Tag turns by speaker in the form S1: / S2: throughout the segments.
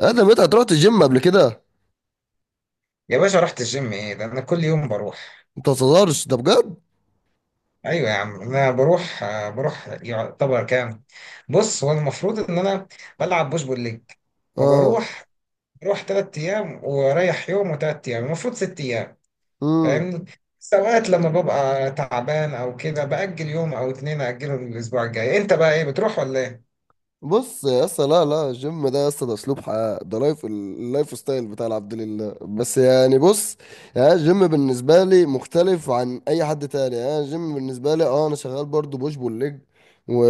S1: ادم، انت هتروح الجيم قبل كده؟
S2: يا باشا، رحت الجيم؟ ايه ده، انا كل يوم بروح.
S1: انت ما تهزرش، ده بجد.
S2: ايوه يا عم، انا بروح يعتبر كام؟ بص، هو المفروض ان انا بلعب بوش بول ليج،
S1: اه.
S2: فبروح تلات ايام واريح يوم وتلات ايام، المفروض ست ايام.
S1: امم.
S2: فاهمني؟ بس اوقات لما ببقى تعبان او كده، باجل يوم او اتنين، اجله للاسبوع الجاي. انت بقى، ايه بتروح ولا ايه؟
S1: بص يا اسطى، لا لا، الجيم ده يا اسطى ده اسلوب حياه، ده اللايف ستايل بتاع العبد لله، بس يعني بص. يعني الجيم بالنسبه لي مختلف عن اي حد تاني، يعني الجيم بالنسبه لي اه انا شغال برضو بوش بول ليج و...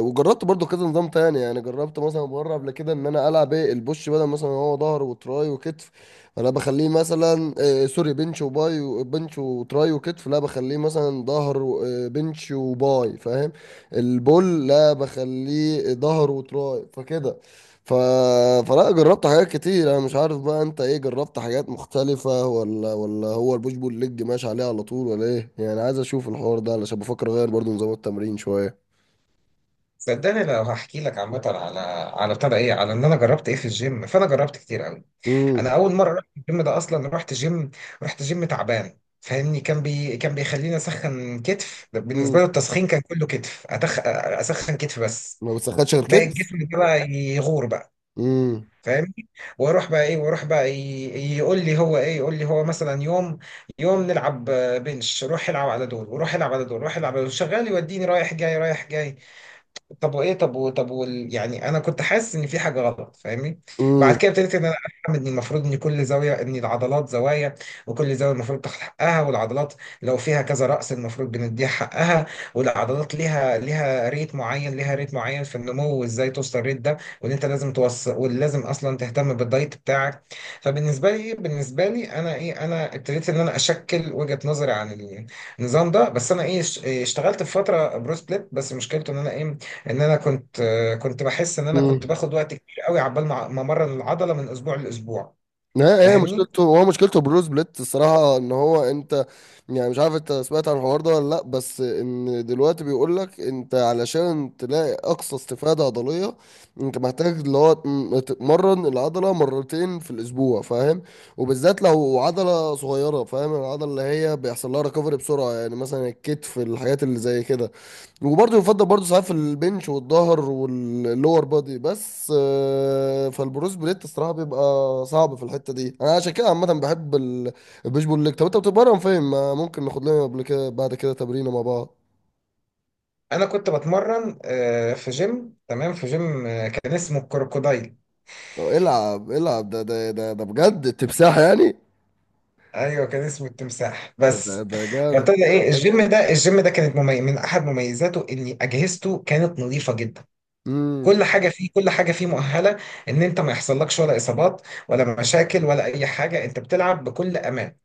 S1: وجربت برضو كذا نظام تاني، يعني جربت مثلا مره قبل كده ان انا العب ايه البوش، بدل مثلا هو ظهر وتراي وكتف. انا بخليه مثلا آه سوري بنش وباي بنش وتراي وكتف، لا بخليه مثلا ظهر بنش وباي، فاهم؟ البول لا بخليه ظهر وتراي، فكده. ف... فلا جربت حاجات كتير، انا مش عارف بقى انت ايه جربت حاجات مختلفة، ولا هو البوش بول ليج ماشي عليه على طول ولا ايه؟ يعني عايز اشوف الحوار ده علشان بفكر اغير برضو نظام التمرين شوية.
S2: صدقني، لو هحكي لك عامه على على بتاع ده ايه على ان انا جربت ايه في الجيم، فانا جربت كتير قوي.
S1: امم.
S2: انا اول مره رحت الجيم ده اصلا، رحت جيم تعبان. فاهمني؟ كان بيخليني اسخن كتف. ده بالنسبه
S1: امم.
S2: له، التسخين كان كله كتف. اسخن كتف بس.
S1: ما بتسخنش غير
S2: باقي
S1: كده؟
S2: الجسم ده بقى يغور بقى.
S1: امم.
S2: فاهمني؟ واروح بقى يقول لي هو مثلا يوم نلعب بنش. روح العب على دول، وروح العب على دول، روح العب على دول، شغال يوديني رايح جاي رايح جاي. طب وايه طب و... طب وال... يعني انا كنت حاسس ان في حاجه غلط. فاهمني؟ بعد كده ابتديت ان انا افهم ان المفروض ان كل زاويه، ان العضلات زوايا، وكل زاويه المفروض تاخد حقها. والعضلات لو فيها كذا رأس، المفروض بنديها حقها. والعضلات ليها ريت معين في النمو، وازاي توصل الريت ده، وان انت لازم توصل، ولازم اصلا تهتم بالدايت بتاعك. فبالنسبه لي انا ابتديت ان انا اشكل وجهه نظري عن النظام ده. بس انا اشتغلت في فتره برو سبليت، بس مشكلته ان انا ايه، ان انا كنت بحس ان انا كنت
S1: امم.
S2: باخد وقت كبير قوي عبال ما امرن العضله من اسبوع لاسبوع.
S1: لا، هي
S2: فاهمني؟
S1: مشكلته هو مشكلته بروس بليت الصراحة، ان هو انت يعني مش عارف انت سمعت عن الحوار ده ولا لا، بس ان دلوقتي بيقول لك انت علشان تلاقي اقصى استفادة عضلية، انت محتاج اللي هو تتمرن العضلة 2 في الاسبوع، فاهم؟ وبالذات لو عضلة صغيرة، فاهم؟ العضلة اللي هي بيحصل لها ريكفري بسرعة، يعني مثلا الكتف، الحاجات اللي زي كده. وبرضه يفضل برضه ساعات في البنش والظهر واللور بادي، بس آه، فالبروس بليت الصراحه بيبقى صعب في الحته دي. انا عشان كده عامه بحب البوش بول ليج. طب انت بتتمرن فين؟ ما ممكن ناخد لنا قبل كده بعد كده تمرينه مع بعض.
S2: انا كنت بتمرن في جيم، تمام، في جيم كان اسمه الكروكودايل.
S1: أو العب العب ده بجد تمساح يعني.
S2: ايوه، كان اسمه التمساح
S1: ده
S2: بس.
S1: ده جامد.
S2: فابتدى ايه الجيم ده كانت من احد مميزاته ان اجهزته كانت نظيفه جدا.
S1: امم.
S2: كل حاجه فيه مؤهله ان انت ما يحصلكش ولا اصابات، ولا مشاكل، ولا اي حاجه، انت بتلعب بكل امان.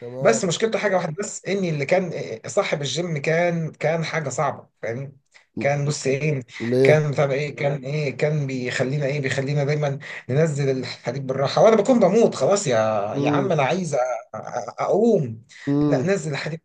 S1: تمام.
S2: بس مشكلته حاجه واحده بس، اني اللي كان صاحب الجيم، كان حاجه صعبه. فاهمني؟ كان بص ايه
S1: ليه؟
S2: كان بيخلينا دايما ننزل الحديد بالراحه. وانا بكون بموت خلاص، يا عم
S1: امم.
S2: انا عايز اقوم. لا،
S1: امم.
S2: نزل الحديد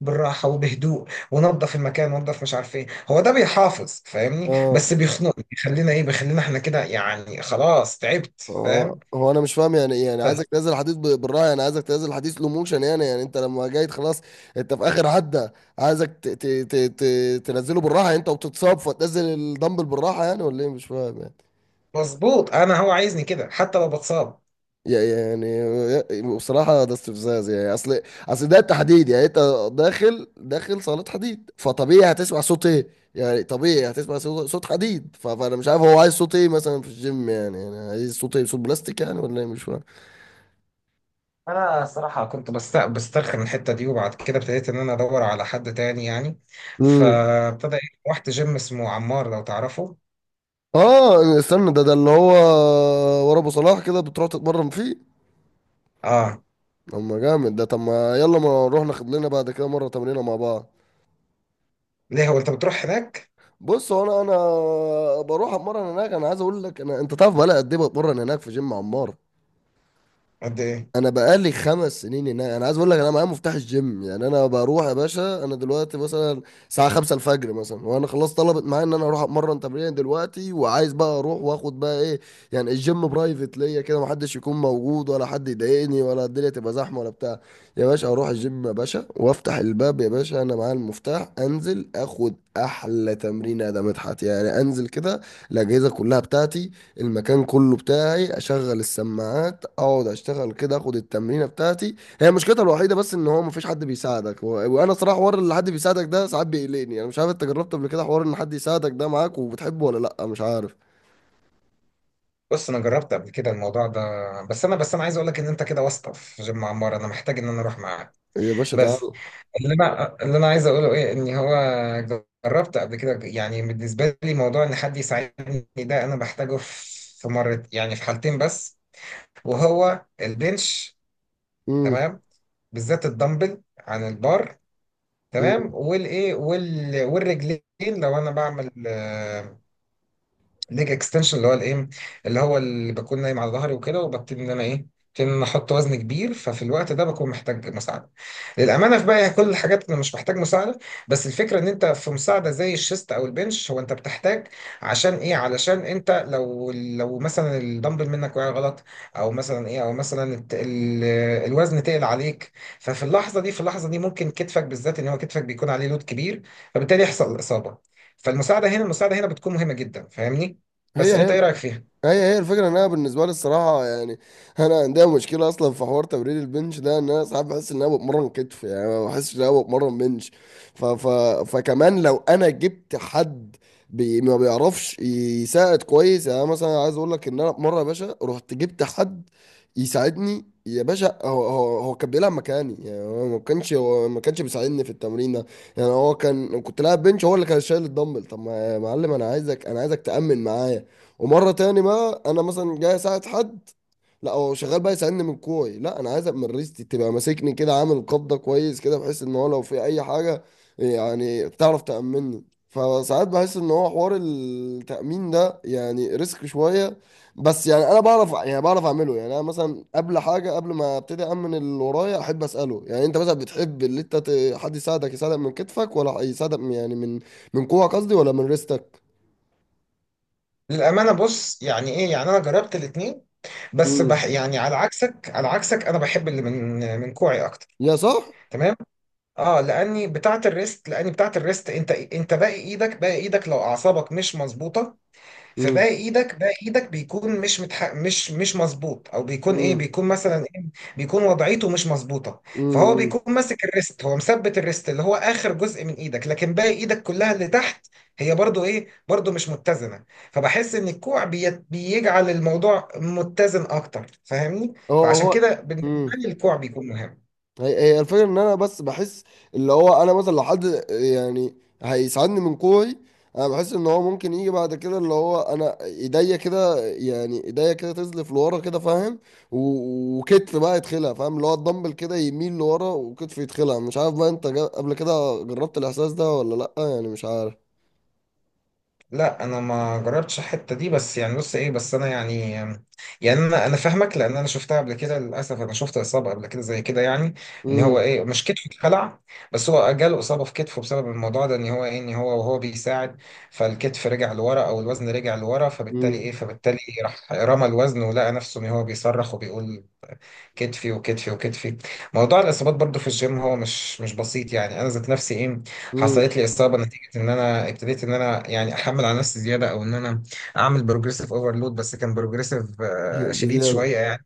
S2: بالراحه وبهدوء، ونظف المكان، ونظف مش عارف ايه. هو ده بيحافظ فاهمني،
S1: اه.
S2: بس بيخنق. بيخلينا احنا كده، يعني خلاص تعبت،
S1: هو
S2: فاهم؟
S1: هو انا مش فاهم يعني، يعني
S2: بس
S1: عايزك تنزل حديث بالراحه؟ يعني عايزك تنزل حديث لو موشن، يعني يعني انت لما جاي خلاص انت في اخر عده، عايزك ت ت ت ت تنزله بالراحه يعني، انت وبتتصاب فتنزل الدمبل بالراحه يعني، ولا ايه؟ مش فاهم يعني.
S2: مظبوط، انا هو عايزني كده حتى لو بتصاب.
S1: يا- يعني بصراحه ده استفزاز يعني، اصل ده تحديد، يعني انت داخل صاله حديد، فطبيعي هتسمع صوت ايه؟ يعني طبيعي هتسمع صوت صوت حديد، فانا مش عارف هو عايز صوت ايه مثلا في الجيم يعني، يعني عايز صوت ايه؟ صوت بلاستيك يعني، ولا ايه؟ مش فاهم.
S2: انا الصراحه كنت بسترخي من الحته دي، وبعد كده ابتديت ان انا ادور على حد تاني يعني.
S1: امم.
S2: فابتدى إيه، رحت جيم اسمه عمار، لو تعرفه.
S1: اه استنى، ده ده اللي هو ورا ابو صلاح كده بتروح تتمرن فيه؟
S2: اه.
S1: اما جامد ده، طب ما يلا ما نروح ناخد لنا بعد كده مره تمرينه مع بعض.
S2: ليه، هو انت بتروح هناك؟
S1: بص هو انا بروح اتمرن هناك، انا عايز اقول لك انا، انت تعرف بقى قد ايه بتمرن هناك في جيم عمار؟
S2: قد ايه؟
S1: انا بقالي 5 سنين هناك، انا عايز اقول لك انا معايا مفتاح الجيم يعني، انا بروح يا باشا، انا دلوقتي مثلا الساعه 5 الفجر مثلا وانا خلاص طلبت معايا ان انا اروح اتمرن تمرين دلوقتي، وعايز بقى اروح واخد بقى ايه، يعني الجيم برايفت ليا كده، محدش يكون موجود ولا حد يضايقني ولا الدنيا تبقى زحمه ولا بتاع. يا باشا اروح الجيم يا باشا وافتح الباب يا باشا، انا معايا المفتاح، انزل اخد احلى تمرين يا ده مدحت يعني، انزل كده الاجهزه كلها بتاعتي، المكان كله بتاعي، اشغل السماعات، اقعد اشتغل كده، اخد التمرينه بتاعتي. هي مشكلتها الوحيده بس ان هو مفيش حد بيساعدك وانا صراحه حوار اللي حد بيساعدك ده ساعات بيقلقني. انا مش عارف انت جربت قبل كده حوار ان حد يساعدك ده معاك وبتحبه ولا لا؟ مش عارف.
S2: بص انا جربت قبل كده الموضوع ده، بس انا عايز اقول لك ان انت كده واسطه في جيم عمار، انا محتاج ان انا اروح معاك.
S1: يا باشا
S2: بس
S1: تعال.
S2: اللي انا عايز اقوله ايه، ان هو جربت قبل كده، يعني بالنسبه لي موضوع ان حد يساعدني ده، انا بحتاجه في مرة، يعني في حالتين بس، وهو البنش،
S1: امم.
S2: تمام، بالذات الدمبل عن البار، تمام،
S1: أمم.
S2: والرجلين. لو انا بعمل ليج اكستنشن، اللي هو اللي بكون نايم على ظهري وكده، وببتدي ان انا احط وزن كبير، ففي الوقت ده بكون محتاج مساعده. للامانه في باقي كل الحاجات انا مش محتاج مساعده. بس الفكره ان انت في مساعده زي الشيست او البنش هو انت بتحتاج، عشان ايه علشان انت لو مثلا الدمبل منك وقع غلط، او مثلا الوزن تقل عليك. ففي اللحظه دي ممكن كتفك بالذات، ان هو كتفك بيكون عليه لود كبير، فبالتالي يحصل اصابه. فالمساعده هنا بتكون مهمه جدا. فاهمني؟
S1: هي
S2: بس انت
S1: هي
S2: ايه رايك فيها؟
S1: هي هي الفكرة ان انا بالنسبة لي الصراحة يعني انا عندي مشكلة اصلا في حوار تمرين البنش ده، ان انا ساعات بحس ان انا بتمرن كتف يعني، ما بحسش ان انا بتمرن بنش. ف ف فكمان لو انا جبت حد بي ما بيعرفش يساعد كويس يعني، أنا مثلا عايز اقول لك ان انا مرة يا باشا رحت جبت حد يساعدني يا باشا، هو كان بيلعب مكاني يعني، هو ما كانش بيساعدني في التمرين ده يعني، هو كان كنت لاعب بنش هو اللي كان شايل الدمبل. طب ما يا معلم انا عايزك تأمن معايا، ومره تاني بقى انا مثلا جاي اساعد حد، لا هو شغال بقى يساعدني من كوعي. لا انا عايزك من ريستي تبقى ماسكني كده، عامل قبضه كويس كده، بحيث ان هو لو في اي حاجه يعني تعرف تامني. فساعات بحس ان هو حوار التامين ده يعني ريسك شويه. بس يعني انا بعرف، يعني بعرف اعمله يعني. انا مثلا قبل حاجه قبل ما ابتدي امن اللي ورايا احب اساله يعني، انت مثلا بتحب اللي انت حد يساعدك، يساعدك من كتفك ولا يساعدك يعني من كوعك قصدي، ولا من ريستك؟
S2: للامانه بص، يعني ايه يعني انا جربت الاثنين، بس
S1: امم.
S2: يعني، على عكسك، انا بحب اللي من كوعي اكتر.
S1: يا صح.
S2: تمام. اه، لاني بتاعه الريست، انت باقي ايدك لو اعصابك مش مظبوطه،
S1: امم.
S2: فباقي ايدك بيكون مش متح... مش مش مظبوط، او بيكون ايه
S1: امم.
S2: بيكون مثلا ايه بيكون وضعيته مش مظبوطه. فهو
S1: امم.
S2: بيكون ماسك الريست، هو مثبت الريست، اللي هو اخر جزء من ايدك، لكن باقي ايدك كلها اللي تحت هي برضو مش متزنه. فبحس ان الكوع بيجعل الموضوع متزن اكتر. فاهمني؟
S1: هو
S2: فعشان
S1: هو
S2: كده بالنسبه
S1: امم.
S2: لي الكوع بيكون مهم.
S1: هي هي الفكره ان انا بس بحس اللي هو، انا مثلا لو حد يعني هيساعدني من كوعي، انا بحس ان هو ممكن يجي بعد كده اللي هو انا ايديا كده، يعني ايديا كده تزلف لورا كده، فاهم؟ وكتف بقى يدخلها، فاهم؟ اللي هو الدمبل كده يميل لورا وكتف يدخلها. مش عارف بقى انت قبل كده جربت الاحساس ده ولا لا يعني؟ مش عارف.
S2: لا انا ما جربتش الحته دي، بس يعني بص ايه بس انا يعني، يعني انا فاهمك، لان انا شفتها قبل كده. للاسف انا شفت اصابه قبل كده زي كده يعني، ان هو
S1: امم.
S2: ايه مش كتفه اتخلع، بس هو جاله اصابه في كتفه بسبب الموضوع ده، ان هو وهو بيساعد، فالكتف رجع لورا، او الوزن رجع لورا، فبالتالي
S1: امم.
S2: ايه فبالتالي راح رمى الوزن، ولقى نفسه ان هو بيصرخ وبيقول كتفي وكتفي وكتفي. موضوع الاصابات برضو في الجيم هو مش بسيط. يعني انا ذات نفسي
S1: امم.
S2: حصلت لي اصابه، نتيجه ان انا ابتديت ان انا يعني احمل على نفسي زياده، او ان انا اعمل بروجريسيف اوفرلود. بس كان بروجريسيف شديد
S1: بزياده.
S2: شويه يعني.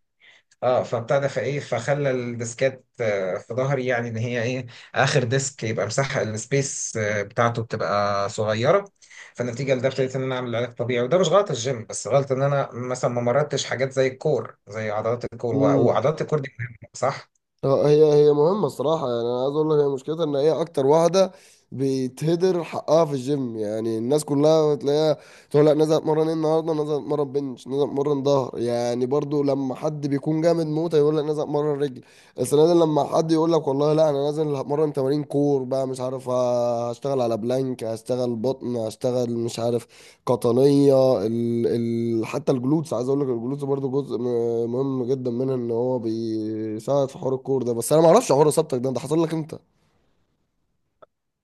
S2: اه، فابتدى فايه فخلى الديسكات في ظهري، يعني ان هي ايه، اخر ديسك يبقى مساحه السبيس بتاعته بتبقى صغيره. فنتيجه لده ابتديت ان انا اعمل علاج طبيعي، وده مش غلط الجيم، بس غلط ان انا مثلا ما مردتش حاجات زي الكور، زي عضلات الكور، وعضلات الكور دي مهمة، صح؟
S1: اه، هي هي مهمة الصراحة يعني، أنا عايز أقول لك هي مشكلتها إن هي أكتر واحدة بيتهدر حقها في الجيم يعني، الناس كلها بتلاقيها تقول لك نزل اتمرن ايه النهاردة، نزل اتمرن بنش، نزل اتمرن ظهر، يعني برضو لما حد بيكون جامد موت يقول لك نزل اتمرن رجل. السنة دي لما حد يقول لك والله لا أنا نازل هتمرن تمارين كور بقى، مش عارف آه، هشتغل على بلانك، هشتغل بطن، هشتغل مش عارف قطنية، حتى الجلوتس، عايز اقول لك الجلوتس برضو جزء مهم جدا منها، ان هو بيساعد في حوار الكور ده. بس انا ما اعرفش حوار اصابتك ده حصل لك انت؟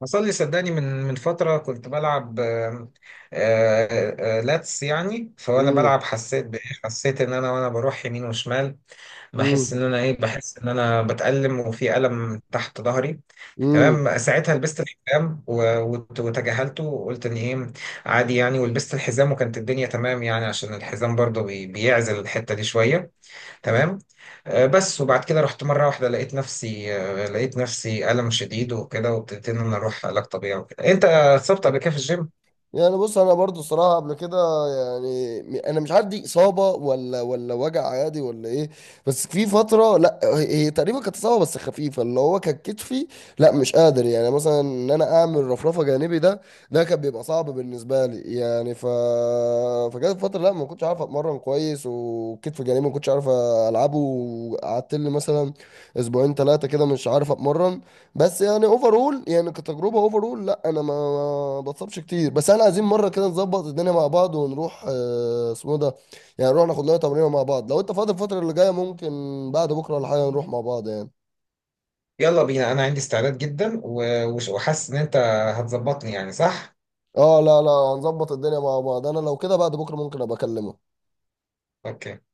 S2: حصل لي صدقني من فتره، كنت بلعب لاتس يعني، فوانا
S1: امم.
S2: بلعب حسيت ان انا وانا بروح يمين وشمال، بحس
S1: امم.
S2: ان انا ايه بحس ان انا بتألم، وفي ألم تحت ظهري.
S1: امم.
S2: تمام، ساعتها لبست الحزام، وتجاهلته، وقلت ان عادي يعني، ولبست الحزام، وكانت الدنيا تمام يعني، عشان الحزام برضه بيعزل الحتة دي شوية. تمام. بس وبعد كده رحت مرة واحدة، لقيت نفسي ألم شديد وكده، وابتديت ان انا اروح علاج طبيعي وكده. انت اتصبت قبل كده في الجيم؟
S1: يعني بص انا برضو الصراحه قبل كده يعني، انا مش عارف دي اصابه ولا وجع عادي ولا ايه، بس في فتره، لا هي هي تقريبا كانت اصابه بس خفيفه، اللي هو كان كتفي لا مش قادر، يعني مثلا ان انا اعمل رفرفه جانبي ده، ده كان بيبقى صعب بالنسبه لي يعني. فجت فتره لا ما كنتش عارف اتمرن كويس، وكتف جانبي ما كنتش عارف العبه، وقعدت لي مثلا 2 3 كده مش عارف اتمرن. بس يعني اوفرول يعني كتجربه اوفرول، لا انا ما ما بتصابش كتير. بس احنا عايزين مره كده نظبط الدنيا مع بعض، ونروح آه، اسمه إيه ده، يعني نروح ناخد لنا تمرين مع بعض لو انت فاضي الفتره اللي جايه. ممكن بعد بكره ولا حاجه نروح مع بعض يعني.
S2: يلا بينا، انا عندي استعداد جدا، وحاسس ان انت هتظبطني، يعني صح؟
S1: اه لا لا هنظبط الدنيا مع بعض، انا لو كده بعد بكره ممكن ابقى اكلمك.
S2: اوكي.